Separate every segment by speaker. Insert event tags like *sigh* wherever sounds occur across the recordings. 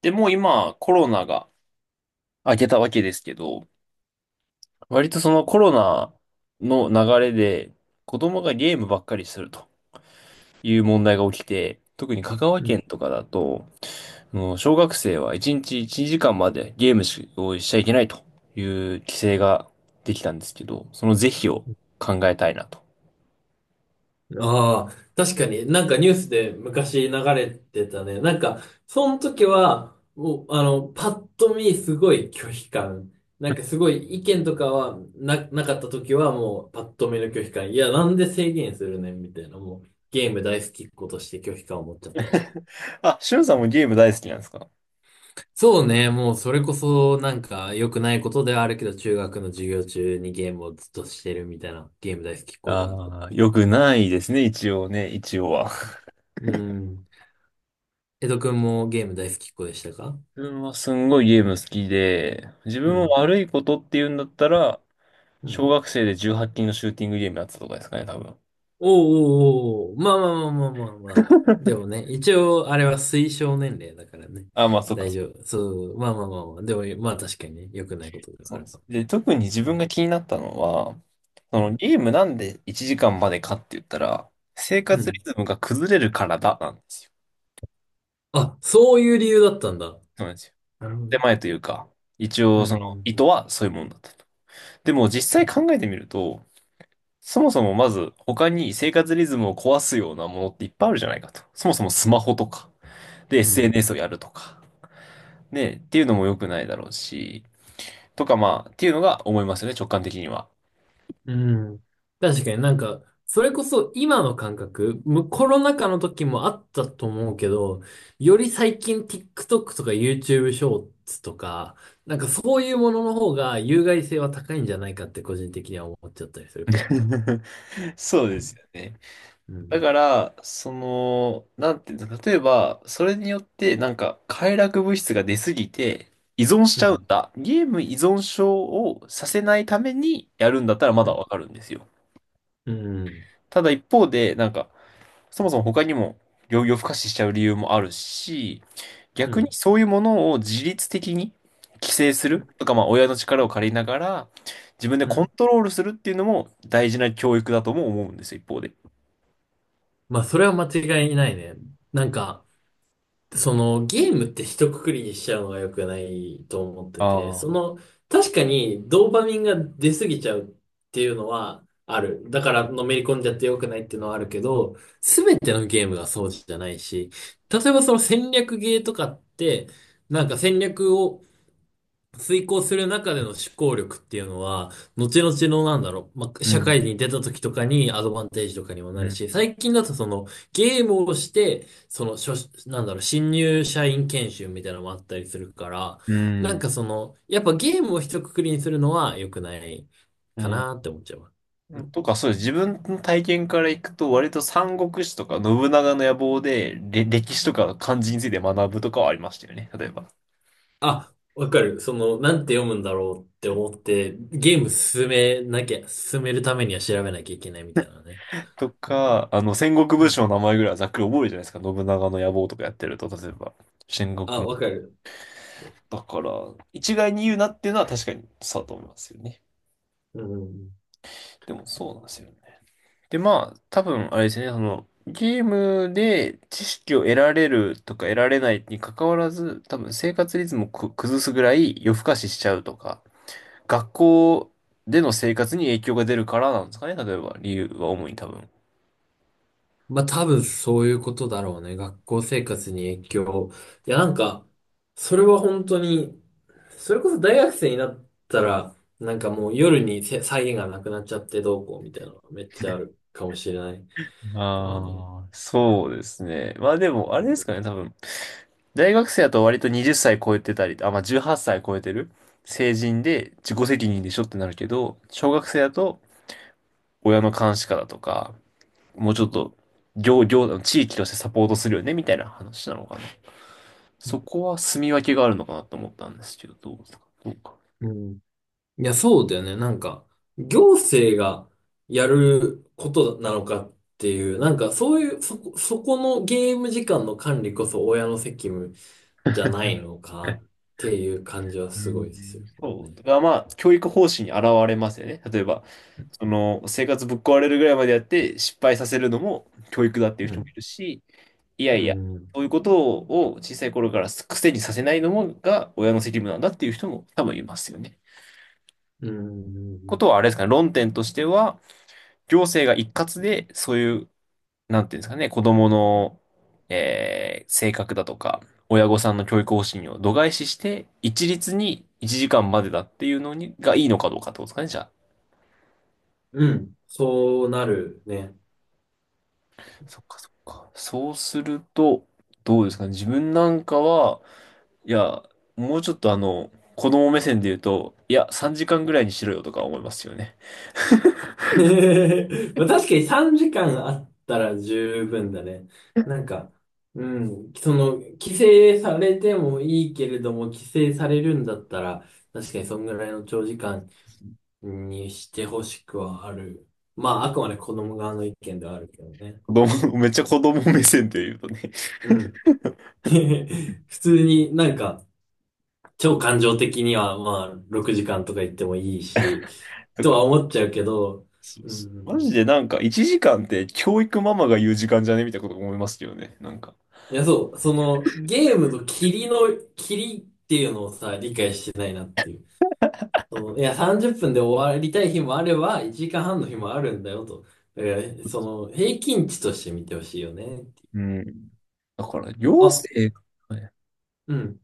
Speaker 1: で、もう今コロナが明けたわけですけど、割とそのコロナの流れで子供がゲームばっかりするという問題が起きて、特に香川
Speaker 2: うん。
Speaker 1: 県とかだと、あの小学生は1日1時間までゲームをしちゃいけないという規制是ができたんですけど、その是非を考えたいなと。
Speaker 2: ああ、確かになんかニュースで昔流れてたね。その時は、もう、あの、パッと見すごい拒否感。すごい意見とかなかった時はもうパッと見の拒否感。いや、なんで制限するねんみたいな。もう、ゲーム大好きっ子として拒否感を持っちゃったわ。
Speaker 1: あ、しゅんさんもゲーム大好きなんですか？
Speaker 2: そうね、もうそれこそなんか良くないことではあるけど、中学の授業中にゲームをずっとしてるみたいな、ゲーム大好きっ子ではあった。
Speaker 1: ああー、よくないですね、一応ね、一応は。
Speaker 2: うん。江戸くんもゲーム大好きっ子でしたか？
Speaker 1: 自分はすんごいゲーム好きで、自
Speaker 2: う
Speaker 1: 分も
Speaker 2: ん。
Speaker 1: 悪いことって言うんだったら、
Speaker 2: う
Speaker 1: 小
Speaker 2: ん。
Speaker 1: 学生で18禁のシューティングゲームやってたとかですかね、多分。
Speaker 2: おーおーおー、まあまあまあまあまあまあ。でもね、一応あれは推奨年齢だからね。
Speaker 1: あ、まあ、そっか、
Speaker 2: 大丈夫。そう、まあまあまあまあ。でも、まあ確かにね、良くないことでは
Speaker 1: そ
Speaker 2: あ
Speaker 1: うで
Speaker 2: るか
Speaker 1: す。
Speaker 2: も
Speaker 1: で、特に自
Speaker 2: ね。う
Speaker 1: 分
Speaker 2: ん。
Speaker 1: が気になったのは、そ
Speaker 2: う
Speaker 1: の
Speaker 2: ん。
Speaker 1: ゲームなんで1時間までかって言ったら、生
Speaker 2: う
Speaker 1: 活リ
Speaker 2: ん。
Speaker 1: ズムが崩れるからだ、なんですよ。
Speaker 2: あ、そういう理由だったんだ。
Speaker 1: そうなんですよ。
Speaker 2: なるほど
Speaker 1: 手
Speaker 2: ね。
Speaker 1: 前というか、一
Speaker 2: う
Speaker 1: 応その
Speaker 2: ん。
Speaker 1: 意図はそういうもんだったと。でも実際考えてみると、そもそもまず他に生活リズムを壊すようなものっていっぱいあるじゃないかと。そもそもスマホとか。で、
Speaker 2: うん。
Speaker 1: SNS をやるとか。ね、っていうのも良くないだろうし、とかまあ、っていうのが思いますよね、直感的には。
Speaker 2: うん。確かにそれこそ今の感覚、コロナ禍の時もあったと思うけど、より最近 TikTok とか YouTube ショーツとか、なんかそういうものの方が有害性は高いんじゃないかって個人的には思っちゃったりするかもね。
Speaker 1: *laughs* そう
Speaker 2: う
Speaker 1: です
Speaker 2: ん、
Speaker 1: よね。
Speaker 2: う
Speaker 1: だ
Speaker 2: ん、
Speaker 1: から、その、なんていうの、例えば、それによって、なんか、快楽物質が出すぎて、依存し
Speaker 2: う
Speaker 1: ちゃうん
Speaker 2: ん、
Speaker 1: だ。ゲーム依存症をさせないためにやるんだったらま
Speaker 2: う
Speaker 1: だ
Speaker 2: ん、
Speaker 1: わかるんですよ。
Speaker 2: うん、
Speaker 1: ただ一方で、なんか、そもそも他にも、病気を不可視しちゃう理由もあるし、
Speaker 2: う
Speaker 1: 逆に
Speaker 2: ん、
Speaker 1: そういうものを自律的に規制す
Speaker 2: う
Speaker 1: る
Speaker 2: ん。
Speaker 1: とか、まあ親の力を借りながら自分で
Speaker 2: う
Speaker 1: コン
Speaker 2: ん、
Speaker 1: トロールするっていうのも大事な教育だとも思うんですよ、一方で。
Speaker 2: まあそれは間違いないね。なんか、そのゲームって一括りにしちゃうのが良くないと思ってて、
Speaker 1: ああ、
Speaker 2: 確かにドーパミンが出過ぎちゃうっていうのはある。だからのめり込んじゃって良くないっていうのはあるけど、すべてのゲームがそうじゃないし、例えばその戦略ゲーとかって、なんか戦略を遂行する中での思考力っていうのは、後々のなんだろう、まあ、
Speaker 1: う
Speaker 2: 社
Speaker 1: ん、
Speaker 2: 会に出た時とかにアドバンテージとかにもな
Speaker 1: う
Speaker 2: る
Speaker 1: ん、
Speaker 2: し、最近だとそのゲームをして、その初、なんだろう、新入社員研修みたいなのもあったりするから、
Speaker 1: う
Speaker 2: なん
Speaker 1: ん、
Speaker 2: かその、やっぱゲームを一括りにするのは良くない
Speaker 1: う
Speaker 2: か
Speaker 1: ん。
Speaker 2: なって思っちゃうわ。うん。
Speaker 1: とか、そうです。自分の体験からいくと、割と三国志とか信長の野望で、歴史とか漢字について学ぶとかはありましたよね、例えば。
Speaker 2: あ、わかる。その、なんて読むんだろうって思って、ゲーム進めなきゃ、進めるためには調べなきゃいけないみたいなね。
Speaker 1: と
Speaker 2: うん。
Speaker 1: か、あの、戦国
Speaker 2: う
Speaker 1: 武将
Speaker 2: ん。
Speaker 1: の名前ぐらいはざっくり覚えるじゃないですか。信長の野望とかやってると、例えば。戦
Speaker 2: あ、
Speaker 1: 国
Speaker 2: わかる。
Speaker 1: だから、一概に言うなっていうのは確かにそうだと思いますよね。
Speaker 2: うん。
Speaker 1: でもそうなんですよね。で、まあ、多分、あれですね、その、ゲームで知識を得られるとか得られないに関わらず、多分生活リズムを崩すぐらい夜更かししちゃうとか、学校での生活に影響が出るからなんですかね、例えば理由は主に多分。
Speaker 2: まあ多分そういうことだろうね。学校生活に影響。いやなんか、それは本当に、それこそ大学生になったら、なんかもう夜に際限がなくなっちゃってどうこうみたいなのがめっちゃあるかもしれない。でもね。
Speaker 1: ああ、
Speaker 2: うん。
Speaker 1: そうですね。まあでも、あれですかね、多分。大学生だと割と20歳超えてたり、あ、まあ18歳超えてる成人で自己責任でしょってなるけど、小学生だと親の監視下だとか、もうちょっと、地域としてサポートするよね、みたいな話なのかな。そこは住み分けがあるのかなと思ったんですけど、どうですか？どうか。
Speaker 2: うん。いや、そうだよね。なんか、行政がやることなのかっていう、なんかそういう、そこのゲーム時間の管理こそ親の責務じゃな
Speaker 1: *laughs*
Speaker 2: いのかっていう感じは
Speaker 1: う
Speaker 2: すごいです
Speaker 1: ん、
Speaker 2: よ
Speaker 1: そう。
Speaker 2: ね。
Speaker 1: だからまあ、教育方針に現れますよね。例えば、その、生活ぶっ壊れるぐらいまでやって失敗させるのも教育だっていう
Speaker 2: う
Speaker 1: 人もい
Speaker 2: ん。
Speaker 1: るし、いや
Speaker 2: う
Speaker 1: いや、
Speaker 2: ん。
Speaker 1: そういうことを小さい頃から癖にさせないのもが親の責務なんだっていう人も多分いますよね。
Speaker 2: う
Speaker 1: こ
Speaker 2: ん。
Speaker 1: とはあれですかね、論点としては、行政が一括でそういうなんていうんですかね、子供の、性格だとか、親御さんの教育方針を度外視して、一律に1時間までだっていうのに、がいいのかどうかってことですかね、じゃあ。
Speaker 2: うん。そうなるね。
Speaker 1: そっかそっか。そうすると、どうですかね、自分なんかは、いや、もうちょっと子供目線で言うと、いや、3時間ぐらいにしろよとか思いますよね。
Speaker 2: *laughs* まあ確かに3時間あったら十分だね。なんか、うん、その、規制されてもいいけれども、規制されるんだったら、確かにそんぐらいの長時間にしてほしくはある。まあ、あくまで子供側の意見ではあるけどね。
Speaker 1: 子供、*laughs* めっちゃ子供目線で言うとね。
Speaker 2: うん。*laughs* 普通になんか、超感情的には、まあ、6時間とか言ってもいいし、
Speaker 1: *laughs* なん
Speaker 2: とは
Speaker 1: か、
Speaker 2: 思っちゃうけど。
Speaker 1: そう
Speaker 2: う
Speaker 1: そう。マジ
Speaker 2: ん。
Speaker 1: でなんか1時間って教育ママが言う時間じゃねみたいなこと思いますよね。なんか。
Speaker 2: いや、そう、その、ゲームと霧の、霧っていうのをさ、理解してないなっていう。そういや、30分で終わりたい日もあれば、1時間半の日もあるんだよと。だから、その、平均値として見てほしいよね。
Speaker 1: うん。だから、行
Speaker 2: あ、
Speaker 1: 政、
Speaker 2: うん、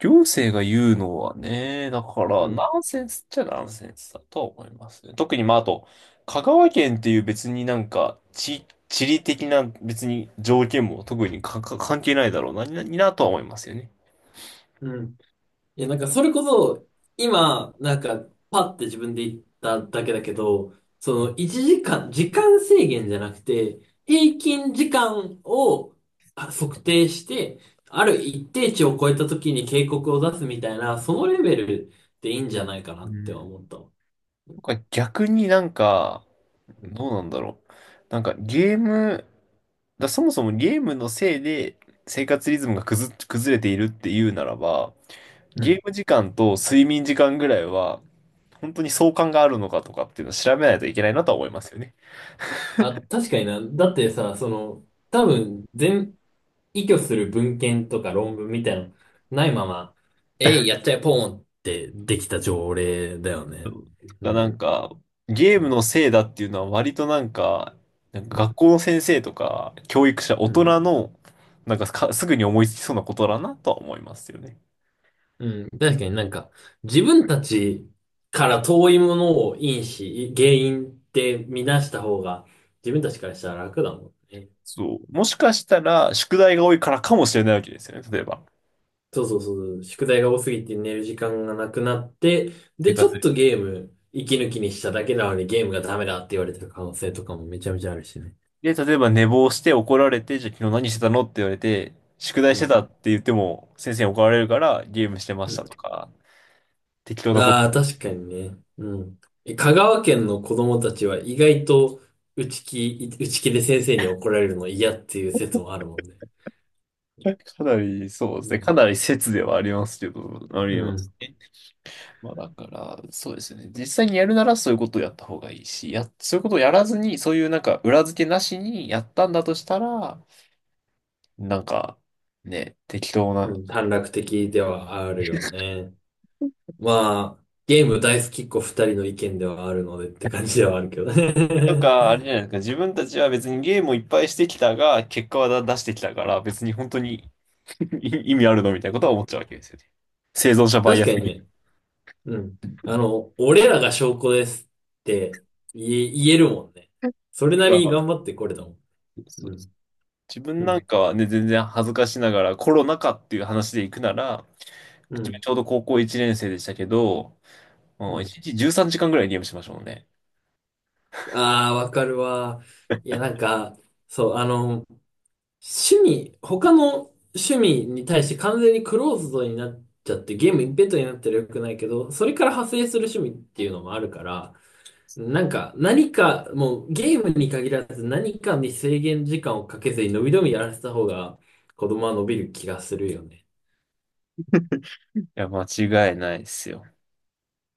Speaker 1: 行政が言うのはね、だか
Speaker 2: う
Speaker 1: ら、ナ
Speaker 2: ん、
Speaker 1: ンセンスっちゃナンセンスだと思いますね。特に、まあ、あと、香川県っていう別になんか、地理的な別に条件も特に関係ないだろうな、とは思いますよね。
Speaker 2: うん。いや、なんかそれこそ、今、なんか、パって自分で言っただけだけど、その1時間、時間制限じゃなくて、平均時間を測定して、ある一定値を超えた時に警告を出すみたいな、そのレベルでいいんじゃないかな
Speaker 1: う
Speaker 2: って
Speaker 1: ん。
Speaker 2: 思ったわ。
Speaker 1: なんか逆になんか、
Speaker 2: うん。
Speaker 1: どうなんだろう。なんかゲーム、だそもそもゲームのせいで生活リズムが崩れているっていうならば、
Speaker 2: う
Speaker 1: ゲー
Speaker 2: ん。
Speaker 1: ム時間と睡眠時間ぐらいは、本当に相関があるのかとかっていうのを調べないといけないなとは思いますよね。
Speaker 2: あ、確かにな。だってさ、その、多分、依拠する文献とか論文みたいなのないまま、えい、やっちゃえ、ポーンってできた条例だよね。う
Speaker 1: がな
Speaker 2: ん。
Speaker 1: んか、ゲー
Speaker 2: う
Speaker 1: ム
Speaker 2: ん。
Speaker 1: のせいだっていうのは割となんか、なんか学校の先生とか教育者、大
Speaker 2: うん。
Speaker 1: 人の、なんかすぐに思いつきそうなことだなとは思いますよね。
Speaker 2: うん、確かになんか、自分たちから遠いものを原因って見出した方が、自分たちからしたら楽だもんね。
Speaker 1: そう。もしかしたら、宿題が多いからかもしれないわけですよね。例えば。
Speaker 2: そうそうそうそう。宿題が多すぎて寝る時間がなくなって、
Speaker 1: 下
Speaker 2: で、ち
Speaker 1: 手
Speaker 2: ょ
Speaker 1: す
Speaker 2: っ
Speaker 1: る
Speaker 2: とゲーム、息抜きにしただけなのにゲームがダメだって言われてる可能性とかもめちゃめちゃあるしね。
Speaker 1: で、例えば寝坊して怒られて、じゃあ昨日何してたのって言われて、宿題
Speaker 2: う
Speaker 1: して
Speaker 2: ん。
Speaker 1: たって言っても、先生に怒られるからゲームしてましたとか、適当なこと
Speaker 2: ああ、
Speaker 1: ね。
Speaker 2: 確かにね。うん。香川県の子供たちは意外と内気で先生に怒られるの嫌っていう説もあるもんね。
Speaker 1: かなり、そうで
Speaker 2: う
Speaker 1: すね。か
Speaker 2: ん。
Speaker 1: なり説ではありますけど、あり
Speaker 2: う
Speaker 1: えます
Speaker 2: ん。
Speaker 1: ね。まあだから、そうですよね。実際にやるならそういうことをやった方がいいし、そういうことをやらずに、そういうなんか裏付けなしにやったんだとしたら、なんか、ね、適当
Speaker 2: う
Speaker 1: な。
Speaker 2: ん、短絡的ではあるよね。まあ、ゲーム大好きっ子二人の意見ではあるのでって感じではあるけど
Speaker 1: と
Speaker 2: ね。
Speaker 1: か、あれじゃ
Speaker 2: *laughs*
Speaker 1: ないですか。自分たちは別にゲームをいっぱいしてきたが、結果は出してきたから、別に本当に *laughs* 意味あるのみたいなこと
Speaker 2: う
Speaker 1: は
Speaker 2: ん、
Speaker 1: 思っちゃうわけですよね。生存者バイ
Speaker 2: 確
Speaker 1: ア
Speaker 2: か
Speaker 1: ス
Speaker 2: に
Speaker 1: 的
Speaker 2: ね。うん。あの、俺らが証拠ですって言えるもんね。
Speaker 1: な。*laughs*
Speaker 2: それ
Speaker 1: と
Speaker 2: なりに
Speaker 1: か、
Speaker 2: 頑張ってこれたもん。
Speaker 1: そ
Speaker 2: う
Speaker 1: う
Speaker 2: ん。
Speaker 1: 自
Speaker 2: う
Speaker 1: 分なん
Speaker 2: ん。
Speaker 1: かはね、全然恥ずかしながらコロナ禍っていう話で行くなら、
Speaker 2: う
Speaker 1: 自分
Speaker 2: ん。
Speaker 1: ちょうど高校1年生でしたけど、
Speaker 2: う
Speaker 1: もう
Speaker 2: ん。
Speaker 1: 1日13時間ぐらいゲームしましたもんね。
Speaker 2: ああ、わかるわ。いや、なんか、そう、あの、他の趣味に対して完全にクローズドになっちゃって、ゲーム一辺倒になったらよくないけど、それから派生する趣味っていうのもあるから、もうゲームに限らず何かに制限時間をかけずに伸び伸びやらせた方が、子供は伸びる気がするよね。
Speaker 1: いや、間違いないですよ。